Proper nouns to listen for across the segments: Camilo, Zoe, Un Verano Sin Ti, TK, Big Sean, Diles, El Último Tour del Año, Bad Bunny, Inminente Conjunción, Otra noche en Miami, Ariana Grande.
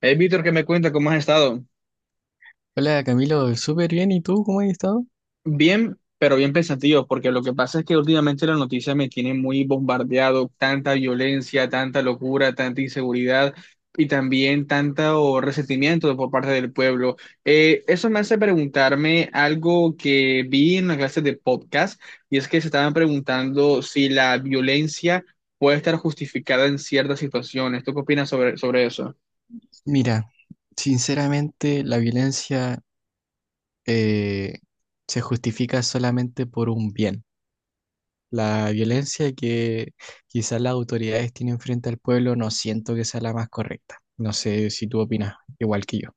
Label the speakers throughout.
Speaker 1: Hey, Víctor, ¿qué me cuenta? ¿Cómo has estado?
Speaker 2: Hola Camilo, súper bien. ¿Y tú cómo has estado?
Speaker 1: Bien, pero bien pensativo, porque lo que pasa es que últimamente la noticia me tiene muy bombardeado, tanta violencia, tanta locura, tanta inseguridad y también tanto resentimiento por parte del pueblo. Eso me hace preguntarme algo que vi en una clase de podcast, y es que se estaban preguntando si la violencia puede estar justificada en ciertas situaciones. ¿Tú qué opinas sobre eso?
Speaker 2: Mira, sinceramente la violencia eh, se justifica solamente por un bien. La violencia que quizás las autoridades tienen frente al pueblo no siento que sea la más correcta. No sé si tú opinas igual que yo.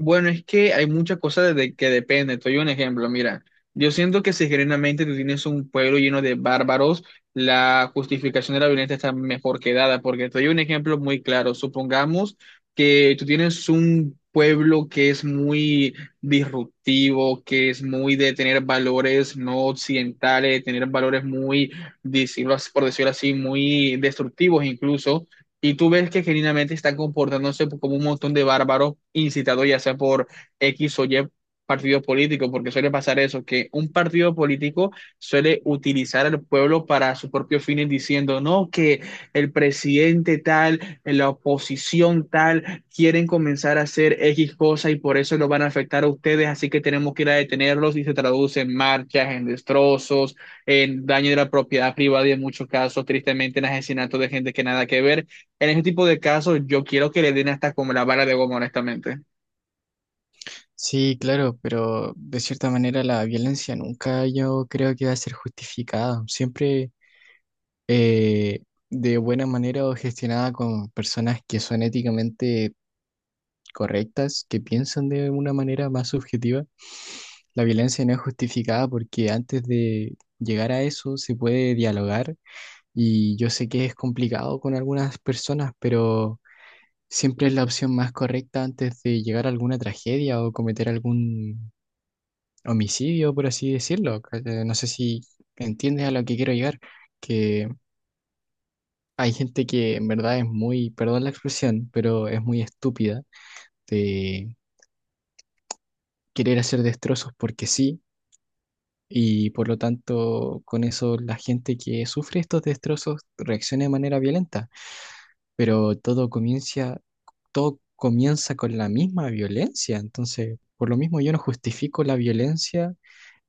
Speaker 1: Bueno, es que hay muchas cosas de que depende. Te doy un ejemplo, mira. Yo siento que si genuinamente tú tienes un pueblo lleno de bárbaros, la justificación de la violencia está mejor que dada, porque te doy un ejemplo muy claro. Supongamos que tú tienes un pueblo que es muy disruptivo, que es muy de tener valores no occidentales, de tener valores muy, por decirlo así, muy destructivos incluso. Y tú ves que genuinamente están comportándose como un montón de bárbaros incitados ya sea por X o Y partido político, porque suele pasar eso, que un partido político suele utilizar al pueblo para sus propios fines diciendo, no, que el presidente tal, la oposición tal, quieren comenzar a hacer X cosa y por eso lo van a afectar a ustedes, así que tenemos que ir a detenerlos y se traduce en marchas, en destrozos, en daño de la propiedad privada y en muchos casos, tristemente, en asesinatos de gente que nada que ver. En ese tipo de casos, yo quiero que le den hasta como la vara de goma, honestamente.
Speaker 2: Sí, claro, pero de cierta manera la violencia nunca yo creo que va a ser justificada. Siempre eh, de buena manera o gestionada con personas que son éticamente correctas, que piensan de una manera más subjetiva. La violencia no es justificada porque antes de llegar a eso se puede dialogar y yo sé que es complicado con algunas personas, pero siempre es la opción más correcta antes de llegar a alguna tragedia o cometer algún homicidio, por así decirlo. No sé si entiendes a lo que quiero llegar, que hay gente que en verdad es muy, perdón la expresión, pero es muy estúpida de querer hacer destrozos porque sí, y por lo tanto con eso la gente que sufre estos destrozos reacciona de manera violenta, pero todo comienza con la misma violencia, entonces por lo mismo yo no justifico la violencia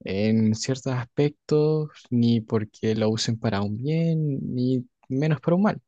Speaker 2: en ciertos aspectos, ni porque lo usen para un bien, ni menos para un mal.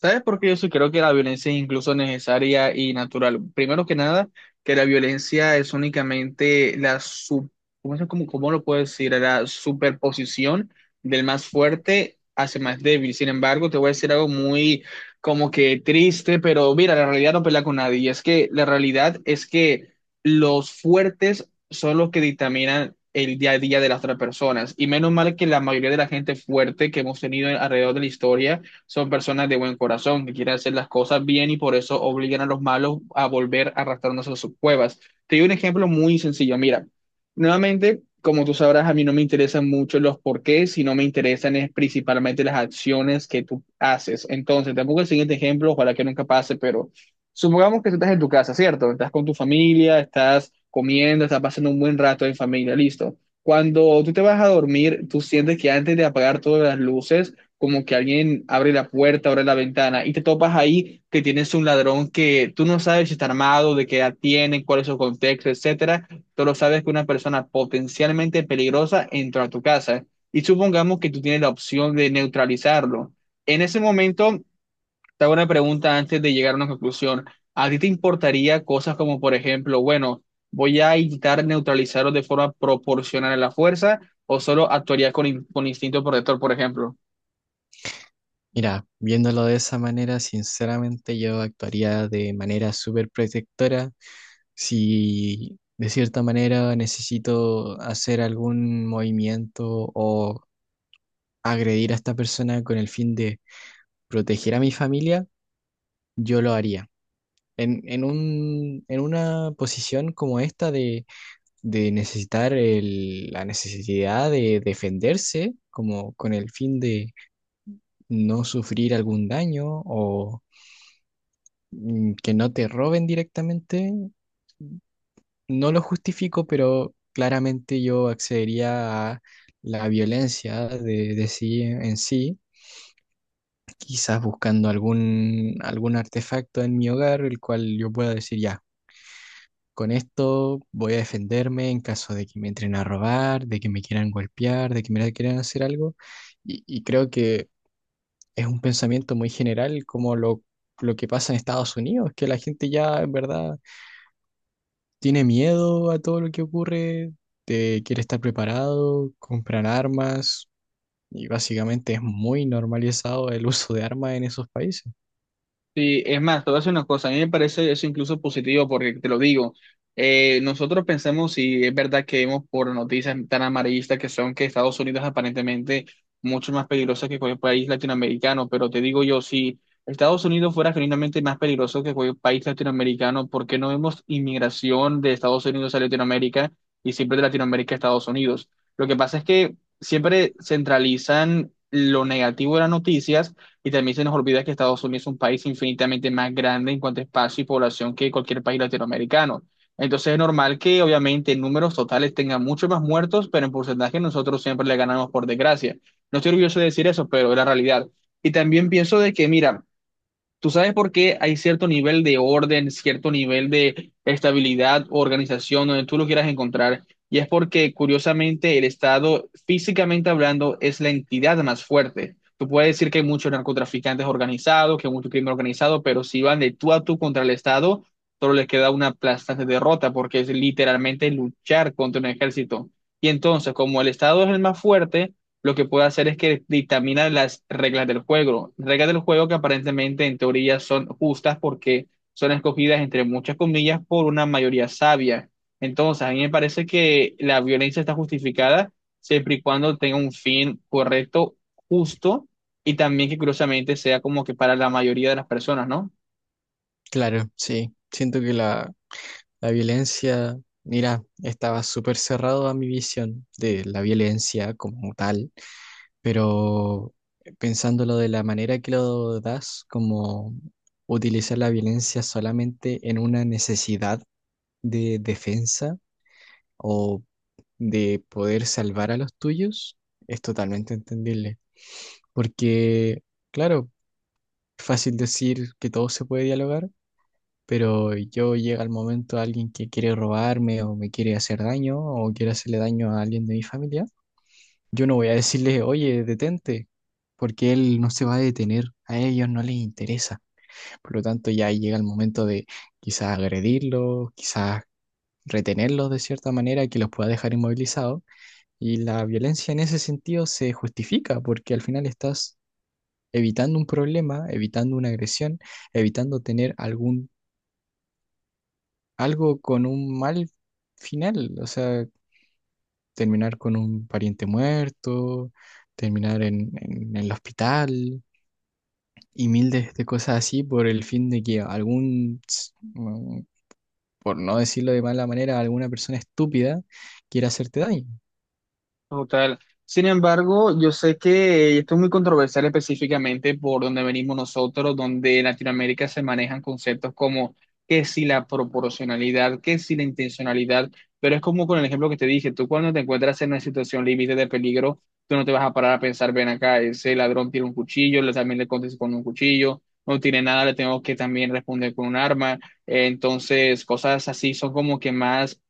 Speaker 1: ¿Sabes por qué yo sí creo que la violencia es incluso necesaria y natural? Primero que nada, que la violencia es únicamente ¿cómo, cómo lo puedo decir? La superposición del más fuerte hacia el más débil. Sin embargo, te voy a decir algo muy como que triste, pero mira, la realidad no pelea con nadie. Y es que la realidad es que los fuertes son los que dictaminan el día a día de las otras personas. Y menos mal que la mayoría de la gente fuerte que hemos tenido alrededor de la historia son personas de buen corazón, que quieren hacer las cosas bien y por eso obligan a los malos a volver a arrastrarnos a sus cuevas. Te doy un ejemplo muy sencillo. Mira, nuevamente, como tú sabrás, a mí no me interesan mucho los porqués, sino me interesan es principalmente las acciones que tú haces. Entonces, tampoco el siguiente ejemplo, ojalá que nunca pase, pero supongamos que tú estás en tu casa, ¿cierto? Estás con tu familia, estás comiendo, estás pasando un buen rato en familia, listo. Cuando tú te vas a dormir, tú sientes que antes de apagar todas las luces, como que alguien abre la puerta, abre la ventana y te topas ahí que tienes un ladrón que tú no sabes si está armado, de qué edad tiene, cuál es su contexto, etcétera. Solo sabes que una persona potencialmente peligrosa entró a tu casa y supongamos que tú tienes la opción de neutralizarlo. En ese momento, te hago una pregunta antes de llegar a una conclusión. ¿A ti te importaría cosas como, por ejemplo, bueno, voy a intentar neutralizarlo de forma proporcional a la fuerza o solo actuarías con, con instinto protector, por ejemplo?
Speaker 2: Mira, viéndolo de esa manera, sinceramente yo actuaría de manera súper protectora si de cierta manera necesito hacer algún movimiento o agredir a esta persona con el fin de proteger a mi familia, yo lo haría. En una posición como esta de necesitar la necesidad de defenderse, como con el fin de no sufrir algún daño o que no te roben directamente. No lo justifico, pero claramente yo accedería a la violencia de sí en sí, quizás buscando algún artefacto en mi hogar, el cual yo pueda decir ya. Con esto voy a defenderme en caso de que me entren a robar, de que me quieran golpear, de que me quieran hacer algo. Y creo que es un pensamiento muy general como lo que pasa en Estados Unidos, que la gente ya en verdad tiene miedo a todo lo que ocurre, te quiere estar preparado, compran armas y básicamente es muy normalizado el uso de armas en esos países.
Speaker 1: Sí, es más, te voy a decir una cosa, a mí me parece eso incluso positivo porque te lo digo, nosotros pensamos si es verdad que vemos por noticias tan amarillistas que son que Estados Unidos es aparentemente mucho más peligroso que cualquier país latinoamericano, pero te digo yo, si Estados Unidos fuera genuinamente más peligroso que cualquier país latinoamericano, ¿por qué no vemos inmigración de Estados Unidos a Latinoamérica y siempre de Latinoamérica a Estados Unidos? Lo que pasa es que siempre centralizan lo negativo de las noticias y también se nos olvida que Estados Unidos es un país infinitamente más grande en cuanto a espacio y población que cualquier país latinoamericano. Entonces es normal que obviamente en números totales tengan muchos más muertos, pero en porcentaje nosotros siempre le ganamos por desgracia. No estoy orgulloso de decir eso, pero es la realidad. Y también pienso de que, mira, ¿tú sabes por qué hay cierto nivel de orden, cierto nivel de estabilidad, organización, donde tú lo quieras encontrar? Y es porque, curiosamente, el Estado, físicamente hablando, es la entidad más fuerte. Tú puedes decir que hay muchos narcotraficantes organizados, que hay mucho crimen organizado, pero si van de tú a tú contra el Estado, solo les queda una aplastante derrota, porque es literalmente luchar contra un ejército. Y entonces, como el Estado es el más fuerte, lo que puede hacer es que dictamina las reglas del juego que aparentemente en teoría son justas porque son escogidas entre muchas comillas por una mayoría sabia. Entonces, a mí me parece que la violencia está justificada siempre y cuando tenga un fin correcto, justo y también que curiosamente sea como que para la mayoría de las personas, ¿no?
Speaker 2: Claro, sí, siento que la violencia, mira, estaba súper cerrado a mi visión de la violencia como tal, pero pensándolo de la manera que lo das, como utilizar la violencia solamente en una necesidad de defensa o de poder salvar a los tuyos, es totalmente entendible. Porque, claro, es fácil decir que todo se puede dialogar, pero yo llega el momento alguien que quiere robarme o me quiere hacer daño o quiere hacerle daño a alguien de mi familia, yo no voy a decirle, oye, detente, porque él no se va a detener, a ellos no les interesa. Por lo tanto, ya llega el momento de quizás agredirlos, quizás retenerlos de cierta manera que los pueda dejar inmovilizados. Y la violencia en ese sentido se justifica porque al final estás evitando un problema, evitando una agresión, evitando tener algún algo con un mal final, o sea, terminar con un pariente muerto, terminar en el hospital y mil de cosas así por el fin de que por no decirlo de mala manera, alguna persona estúpida quiera hacerte daño.
Speaker 1: Total. Sin embargo, yo sé que esto es muy controversial específicamente por donde venimos nosotros, donde en Latinoamérica se manejan conceptos como que si la proporcionalidad, que si la intencionalidad, pero es como con el ejemplo que te dije, tú cuando te encuentras en una situación límite de peligro, tú no te vas a parar a pensar, ven acá, ese ladrón tiene un cuchillo, le también le contesto con un cuchillo, no tiene nada, le tengo que también responder con un arma. Entonces, cosas así son como que más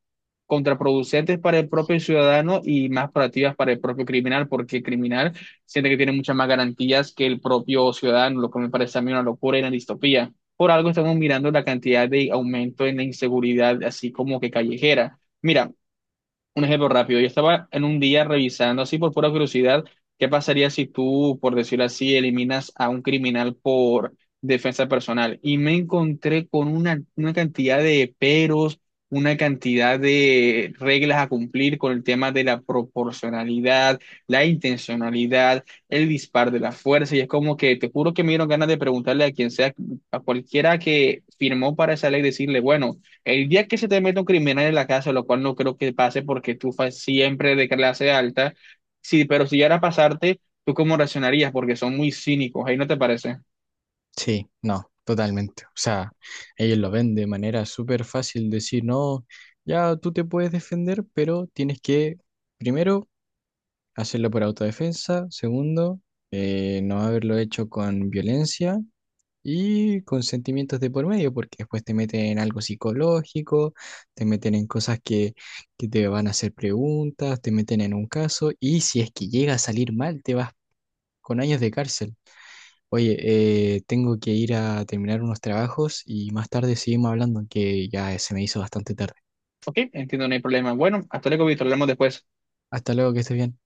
Speaker 1: contraproducentes para el propio ciudadano y más proactivas para el propio criminal, porque el criminal siente que tiene muchas más garantías que el propio ciudadano, lo que me parece a mí una locura y una distopía. Por algo estamos mirando la cantidad de aumento en la inseguridad, así como que callejera. Mira, un ejemplo rápido, yo estaba en un día revisando así por pura curiosidad, ¿qué pasaría si tú, por decirlo así, eliminas a un criminal por defensa personal? Y me encontré con una cantidad de peros, una cantidad de reglas a cumplir con el tema de la proporcionalidad, la intencionalidad, el dispar de la fuerza, y es como que te juro que me dieron ganas de preguntarle a quien sea, a cualquiera que firmó para esa ley, decirle, bueno. El día que se te mete un criminal en la casa, lo cual no creo que pase porque tú fas siempre de clase alta, sí, pero si llegara a pasarte, ¿tú cómo reaccionarías? Porque son muy cínicos, ahí no te parece.
Speaker 2: Sí, no, totalmente. O sea, ellos lo ven de manera súper fácil decir, no, ya tú te puedes defender, pero tienes que... Primero, hacerlo por autodefensa. Segundo, no haberlo hecho con violencia y con sentimientos de por medio, porque después te meten en algo psicológico, te meten en cosas que te van a hacer preguntas, te meten en un caso y si es que llega a salir mal, te vas con años de cárcel. Oye, tengo que ir a terminar unos trabajos y más tarde seguimos hablando, que ya se me hizo bastante tarde.
Speaker 1: Ok, entiendo, no hay problema. Bueno, hasta luego, Víctor, hablamos después.
Speaker 2: Hasta luego, que estés bien.